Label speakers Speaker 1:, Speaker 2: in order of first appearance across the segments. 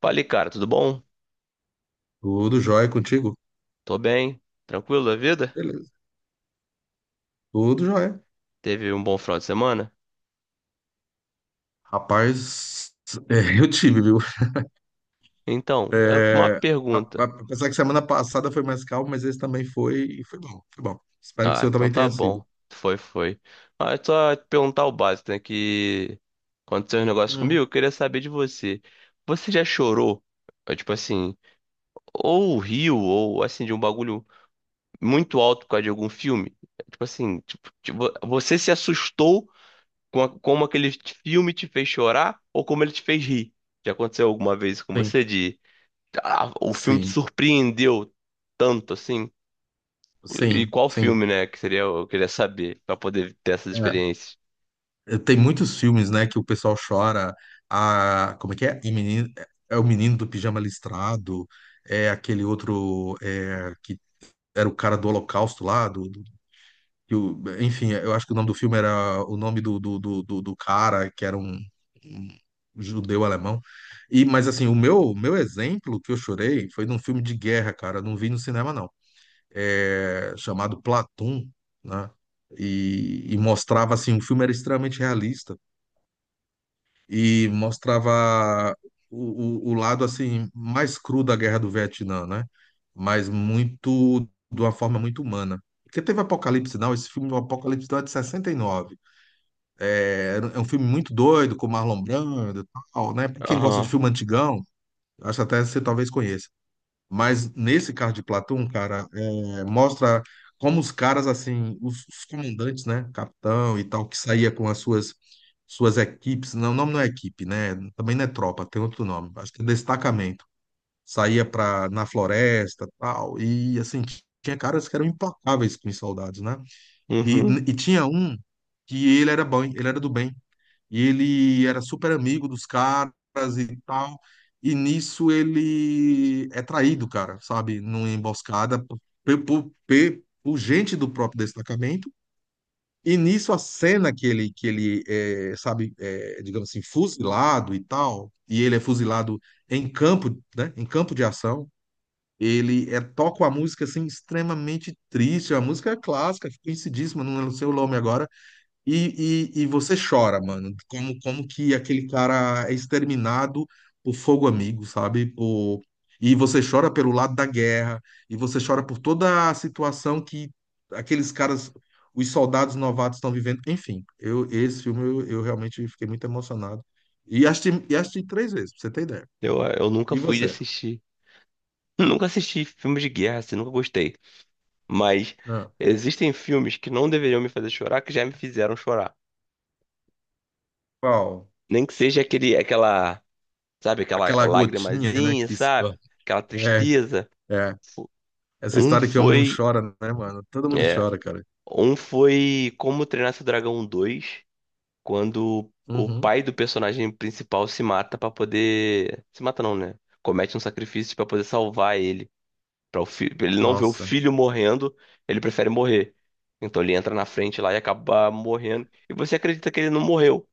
Speaker 1: Falei, cara, tudo bom?
Speaker 2: Tudo jóia contigo?
Speaker 1: Tô bem, tranquilo da vida?
Speaker 2: Beleza. Tudo jóia.
Speaker 1: Teve um bom final de semana?
Speaker 2: Rapaz, é, eu tive, viu?
Speaker 1: Então, é uma
Speaker 2: É,
Speaker 1: pergunta.
Speaker 2: apesar que semana passada foi mais calmo, mas esse também foi bom, foi bom. Espero que o
Speaker 1: Ah,
Speaker 2: seu
Speaker 1: então
Speaker 2: também
Speaker 1: tá
Speaker 2: tenha sido.
Speaker 1: bom. Foi, foi. Ah, é só te perguntar o básico, né? Que Aconteceu um negócio comigo,
Speaker 2: Hum,
Speaker 1: eu queria saber de você. Você já chorou? Tipo assim, ou riu, ou assim, de um bagulho muito alto por causa de algum filme? Tipo assim, tipo, você se assustou como aquele filme te fez chorar ou como ele te fez rir? Já aconteceu alguma vez com
Speaker 2: sim,
Speaker 1: você de ah, o filme te
Speaker 2: sim,
Speaker 1: surpreendeu tanto assim? E
Speaker 2: sim,
Speaker 1: qual
Speaker 2: sim.
Speaker 1: filme, né? Que seria, eu queria saber, pra poder ter essas
Speaker 2: É.
Speaker 1: experiências.
Speaker 2: É, tem muitos filmes, né, que o pessoal chora. A, como é que é? O menino, é o menino do pijama listrado, é aquele outro que era o cara do Holocausto lá, do. Enfim, eu acho que o nome do filme era o nome do cara, que era um judeu alemão. E, mas assim, o meu exemplo que eu chorei foi num filme de guerra, cara. Não vi no cinema, não. É, chamado Platão, né? E mostrava assim, o filme era extremamente realista e mostrava o lado assim mais cru da Guerra do Vietnã, né? Mas muito de uma forma muito humana. Porque teve Apocalipse Now, esse filme do Apocalipse Now é de 69. É um filme muito doido, com Marlon Brando e tal, né? Pra quem gosta de
Speaker 1: Aham,
Speaker 2: filme antigão, acho até que você talvez conheça. Mas nesse caso de Platão, cara, é, mostra como os caras, assim, os comandantes, né, capitão e tal, que saía com as suas equipes, não, o nome não é equipe, né? Também não é tropa, tem outro nome, acho que é destacamento. Saía para na floresta, tal, e assim, tinha caras que eram implacáveis com os soldados, né? E,
Speaker 1: uhum.
Speaker 2: e tinha um que ele era bom, ele era do bem. E ele era super amigo dos caras e tal. E nisso ele é traído, cara, sabe? Numa emboscada por, por gente do próprio destacamento. E nisso a cena que ele é, sabe, é, digamos assim, fuzilado e tal, e ele é fuzilado em campo, né? Em campo de ação. Ele é, toca uma música assim extremamente triste, a música é clássica, conhecidíssima, não sei o nome agora, e você chora, mano, como que aquele cara é exterminado por fogo amigo, sabe? Por. E você chora pelo lado da guerra, e você chora por toda a situação que aqueles caras, os soldados novatos estão vivendo. Enfim, esse filme eu realmente fiquei muito emocionado. E assisti três vezes, pra você ter ideia.
Speaker 1: Eu nunca
Speaker 2: E
Speaker 1: fui de
Speaker 2: você?
Speaker 1: assistir. Nunca assisti filmes de guerra, assim, nunca gostei. Mas
Speaker 2: Ah,
Speaker 1: existem filmes que não deveriam me fazer chorar, que já me fizeram chorar.
Speaker 2: qual?
Speaker 1: Nem que seja aquele, aquela, sabe, aquela
Speaker 2: Aquela gotinha, né,
Speaker 1: lagrimazinha,
Speaker 2: que escorre.
Speaker 1: sabe? Aquela
Speaker 2: É,
Speaker 1: tristeza.
Speaker 2: é.
Speaker 1: Fo-
Speaker 2: Essa
Speaker 1: Um
Speaker 2: história que o homem não chora, né, mano? Todo mundo
Speaker 1: é,
Speaker 2: chora, cara.
Speaker 1: um foi Como Treinar Seu Dragão dois, quando o
Speaker 2: Uhum.
Speaker 1: pai do personagem principal se mata pra poder. Se mata não, né? Comete um sacrifício pra poder salvar ele. Para o filho, ele não vê o
Speaker 2: Nossa.
Speaker 1: filho morrendo, ele prefere morrer. Então ele entra na frente lá e acaba morrendo. E você acredita que ele não morreu.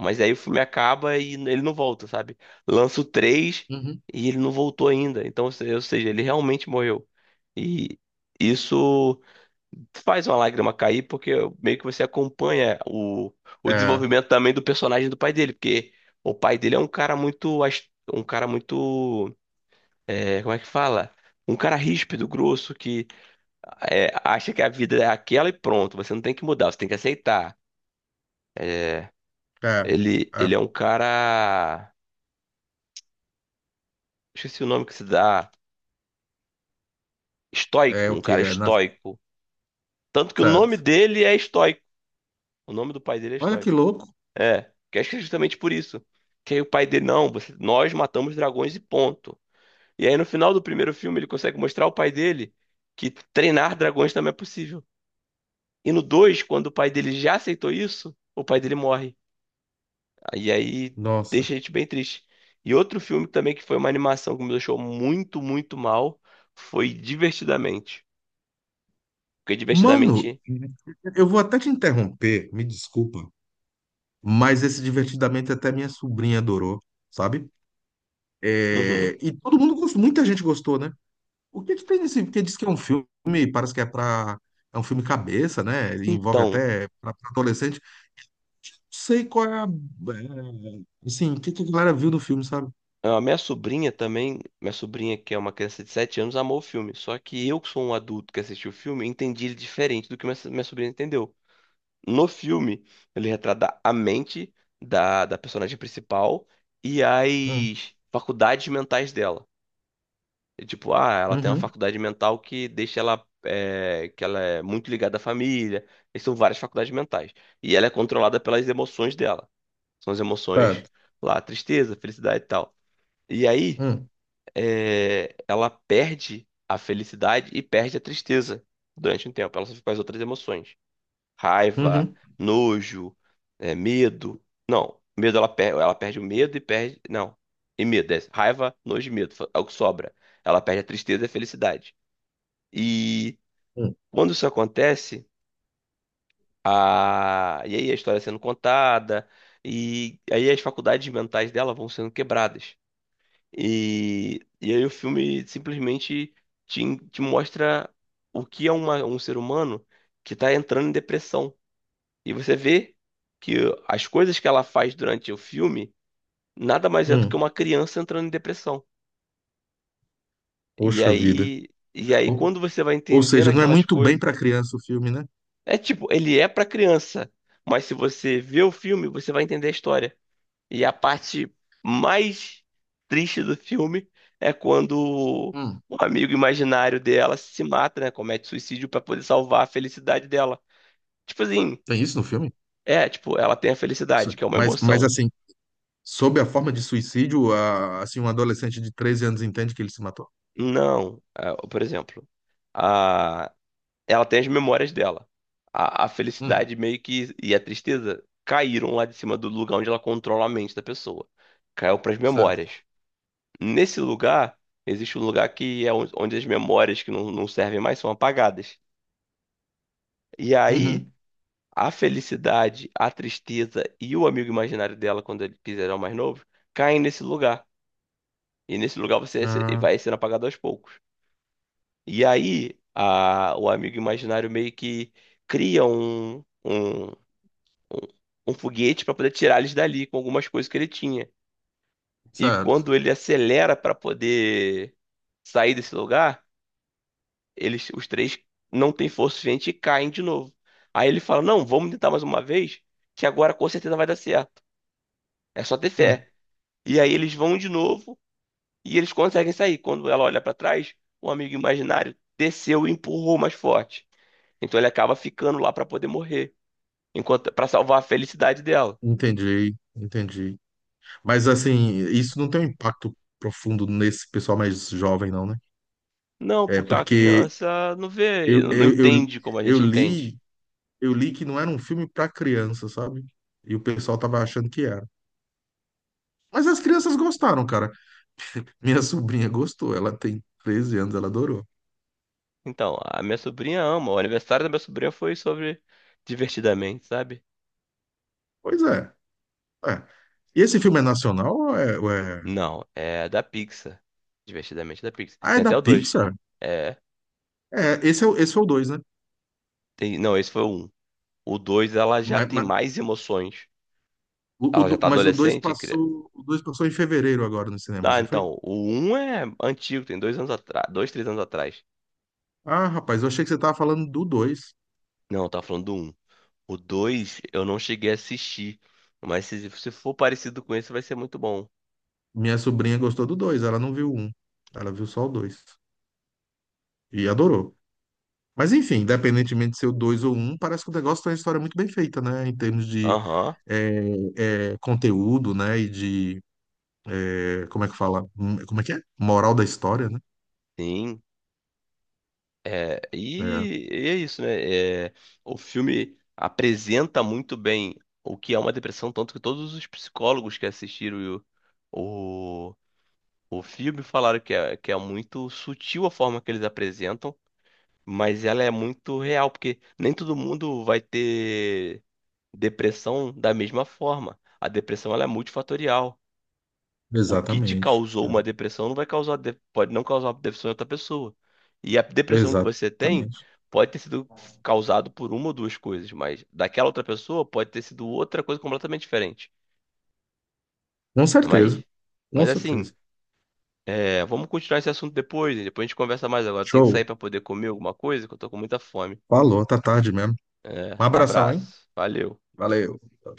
Speaker 1: Mas aí o filme acaba e ele não volta, sabe? Lança o 3
Speaker 2: Uhum.
Speaker 1: e ele não voltou ainda. Então, ou se- ou seja, ele realmente morreu. E isso faz uma lágrima cair, porque meio que você acompanha o
Speaker 2: É,
Speaker 1: desenvolvimento também do personagem do pai dele, porque o pai dele é um cara muito, um cara muito, é, como é que fala? Um cara ríspido, grosso, que é, acha que a vida é aquela e pronto, você não tem que mudar, você tem que aceitar.
Speaker 2: é,
Speaker 1: Ele é um cara, esqueci o nome que se dá,
Speaker 2: é
Speaker 1: estoico,
Speaker 2: o
Speaker 1: um
Speaker 2: que
Speaker 1: cara
Speaker 2: é,
Speaker 1: estoico. Tanto que o nome
Speaker 2: certo.
Speaker 1: dele é estoico, o nome do pai dele é
Speaker 2: Olha que
Speaker 1: estoico.
Speaker 2: louco.
Speaker 1: É, que acho que é justamente por isso. Que aí o pai dele, não, nós matamos dragões e ponto. E aí no final do primeiro filme ele consegue mostrar ao pai dele que treinar dragões também é possível. E no 2 quando o pai dele já aceitou isso, o pai dele morre. E aí
Speaker 2: Nossa.
Speaker 1: deixa a gente bem triste. E outro filme também que foi uma animação que me deixou muito, muito mal foi Divertidamente. Porque
Speaker 2: Mano,
Speaker 1: Divertidamente.
Speaker 2: eu vou até te interromper, me desculpa, mas esse divertidamente até minha sobrinha adorou, sabe?
Speaker 1: Uhum.
Speaker 2: É, e todo mundo gostou, muita gente gostou, né? O que que tem nesse, porque diz que é um filme, parece que é pra, é um filme cabeça, né? Ele envolve
Speaker 1: Então,
Speaker 2: até pra, pra adolescente. Não sei qual é a, é, assim, o que que a galera viu do filme, sabe?
Speaker 1: a minha sobrinha também, minha sobrinha que é uma criança de 7 anos, amou o filme. Só que eu, que sou um adulto que assistiu o filme, entendi ele diferente do que minha sobrinha entendeu. No filme, ele retrata a mente da personagem principal e
Speaker 2: Hum,
Speaker 1: as faculdades mentais dela. E, tipo, ah, ela tem uma
Speaker 2: uhum,
Speaker 1: faculdade mental que deixa ela, é, que ela é muito ligada à família. E são várias faculdades mentais. E ela é controlada pelas emoções dela. São as emoções
Speaker 2: certo.
Speaker 1: lá, tristeza, felicidade e tal. E aí
Speaker 2: Hum,
Speaker 1: é, ela perde a felicidade e perde a tristeza durante um tempo. Ela só fica com as outras emoções. Raiva,
Speaker 2: uhum.
Speaker 1: nojo, é, medo. Não, medo ela perde. Ela perde o medo e perde. Não. E medo. É raiva, nojo e medo. É o que sobra. Ela perde a tristeza e a felicidade. E
Speaker 2: Hum,
Speaker 1: quando isso acontece, e aí a história sendo contada, e aí as faculdades mentais dela vão sendo quebradas. E, aí o filme simplesmente te, te mostra o que é um ser humano que está entrando em depressão. E você vê que as coisas que ela faz durante o filme nada mais é do que
Speaker 2: hum.
Speaker 1: uma criança entrando em depressão.
Speaker 2: Poxa vida.
Speaker 1: E aí
Speaker 2: Ou,
Speaker 1: quando você vai
Speaker 2: ou
Speaker 1: entendendo
Speaker 2: seja, não é
Speaker 1: aquelas
Speaker 2: muito bem
Speaker 1: coisas,
Speaker 2: para criança o filme, né?
Speaker 1: é tipo, ele é para criança, mas se você vê o filme, você vai entender a história. E a parte mais triste do filme é quando
Speaker 2: Hum,
Speaker 1: o amigo imaginário dela se mata, né? Comete suicídio pra poder salvar a felicidade dela. Tipo assim,
Speaker 2: Tem isso no filme?
Speaker 1: é, tipo, ela tem a
Speaker 2: So-
Speaker 1: felicidade, que é uma
Speaker 2: Mas, mas
Speaker 1: emoção.
Speaker 2: assim, sob a forma de suicídio, assim, um adolescente de 13 anos entende que ele se matou.
Speaker 1: Não, é, por exemplo, a, ela tem as memórias dela. A
Speaker 2: Hum,
Speaker 1: felicidade meio que e a tristeza caíram lá de cima do lugar onde ela controla a mente da pessoa. Caiu pras
Speaker 2: certo.
Speaker 1: memórias. Nesse lugar, existe um lugar que é onde as memórias que não servem mais são apagadas. E aí,
Speaker 2: Uhum.
Speaker 1: a felicidade, a tristeza e o amigo imaginário dela, quando ele quiser mais novo, caem nesse lugar. E nesse lugar você
Speaker 2: Ah,
Speaker 1: vai sendo apagado aos poucos. E aí, o amigo imaginário meio que cria um, um, um foguete para poder tirar eles dali com algumas coisas que ele tinha. E
Speaker 2: certo.
Speaker 1: quando ele acelera para poder sair desse lugar eles, os três não têm força suficiente e caem de novo. Aí ele fala: não, vamos tentar mais uma vez, que agora com certeza vai dar certo. É só ter
Speaker 2: Hum,
Speaker 1: fé. E aí eles vão de novo e eles conseguem sair. Quando ela olha pra trás, o amigo imaginário desceu e empurrou mais forte. Então ele acaba ficando lá pra poder morrer, enquanto para salvar a felicidade dela.
Speaker 2: entendi, entendi. Mas assim, isso não tem um impacto profundo nesse pessoal mais jovem, não, né?
Speaker 1: Não,
Speaker 2: É
Speaker 1: porque uma
Speaker 2: porque
Speaker 1: criança não vê,
Speaker 2: eu,
Speaker 1: não
Speaker 2: eu, eu,
Speaker 1: entende como a
Speaker 2: eu
Speaker 1: gente entende.
Speaker 2: li, eu li que não era um filme para criança, sabe? E o pessoal tava achando que era. Mas as crianças gostaram, cara. Minha sobrinha gostou, ela tem 13 anos, ela adorou.
Speaker 1: Então, a minha sobrinha ama. O aniversário da minha sobrinha foi sobre divertidamente, sabe?
Speaker 2: Pois é. É. E esse filme é nacional ou é
Speaker 1: Não, é da Pixar. Divertidamente da Pixar.
Speaker 2: Ah, é
Speaker 1: Tem
Speaker 2: da
Speaker 1: até o dois.
Speaker 2: Pixar?
Speaker 1: É,
Speaker 2: É, esse é o 2, né?
Speaker 1: tem, não, esse foi o um. O dois ela já
Speaker 2: Mas,
Speaker 1: tem
Speaker 2: mas
Speaker 1: mais emoções.
Speaker 2: o, o
Speaker 1: Ela já
Speaker 2: do-
Speaker 1: tá
Speaker 2: mas o 2
Speaker 1: adolescente.
Speaker 2: passou, o 2 passou em fevereiro agora nos cinemas,
Speaker 1: Ah,
Speaker 2: não foi?
Speaker 1: então, o um é antigo, tem 2 anos atrás, dois, 3 anos atrás.
Speaker 2: Ah, rapaz, eu achei que você tava falando do 2.
Speaker 1: Não, tá falando do um. O dois eu não cheguei a assistir, mas se for parecido com esse vai ser muito bom.
Speaker 2: Minha sobrinha gostou do 2. Ela não viu o 1. Ela viu só o 2 e adorou. Mas enfim, independentemente de ser o dois ou um, parece que o negócio tem uma história muito bem feita, né? Em termos de
Speaker 1: Aham,
Speaker 2: conteúdo, né? E de, como é que fala? Como é que é? Moral da história, né?
Speaker 1: sim. É,
Speaker 2: É,
Speaker 1: e é isso, né? É, o filme apresenta muito bem o que é uma depressão, tanto que todos os psicólogos que assistiram o, o, o filme falaram que é muito sutil a forma que eles apresentam, mas ela é muito real, porque nem todo mundo vai ter depressão da mesma forma. A depressão ela é multifatorial. O que te
Speaker 2: exatamente.
Speaker 1: causou
Speaker 2: É,
Speaker 1: uma depressão não vai causar, pode não causar uma depressão em outra pessoa. E a depressão que você tem
Speaker 2: exatamente.
Speaker 1: pode ter sido causado por uma ou duas coisas, mas daquela outra pessoa pode ter sido outra coisa completamente diferente.
Speaker 2: Com certeza,
Speaker 1: Mas,
Speaker 2: com
Speaker 1: mas assim,
Speaker 2: certeza.
Speaker 1: é, vamos continuar esse assunto depois, né? Depois a gente conversa mais agora. Tem que sair
Speaker 2: Show.
Speaker 1: para poder comer alguma coisa, que eu tô com muita fome.
Speaker 2: Falou, tá tarde mesmo. Um
Speaker 1: É,
Speaker 2: abração, hein?
Speaker 1: abraço. Valeu.
Speaker 2: Valeu.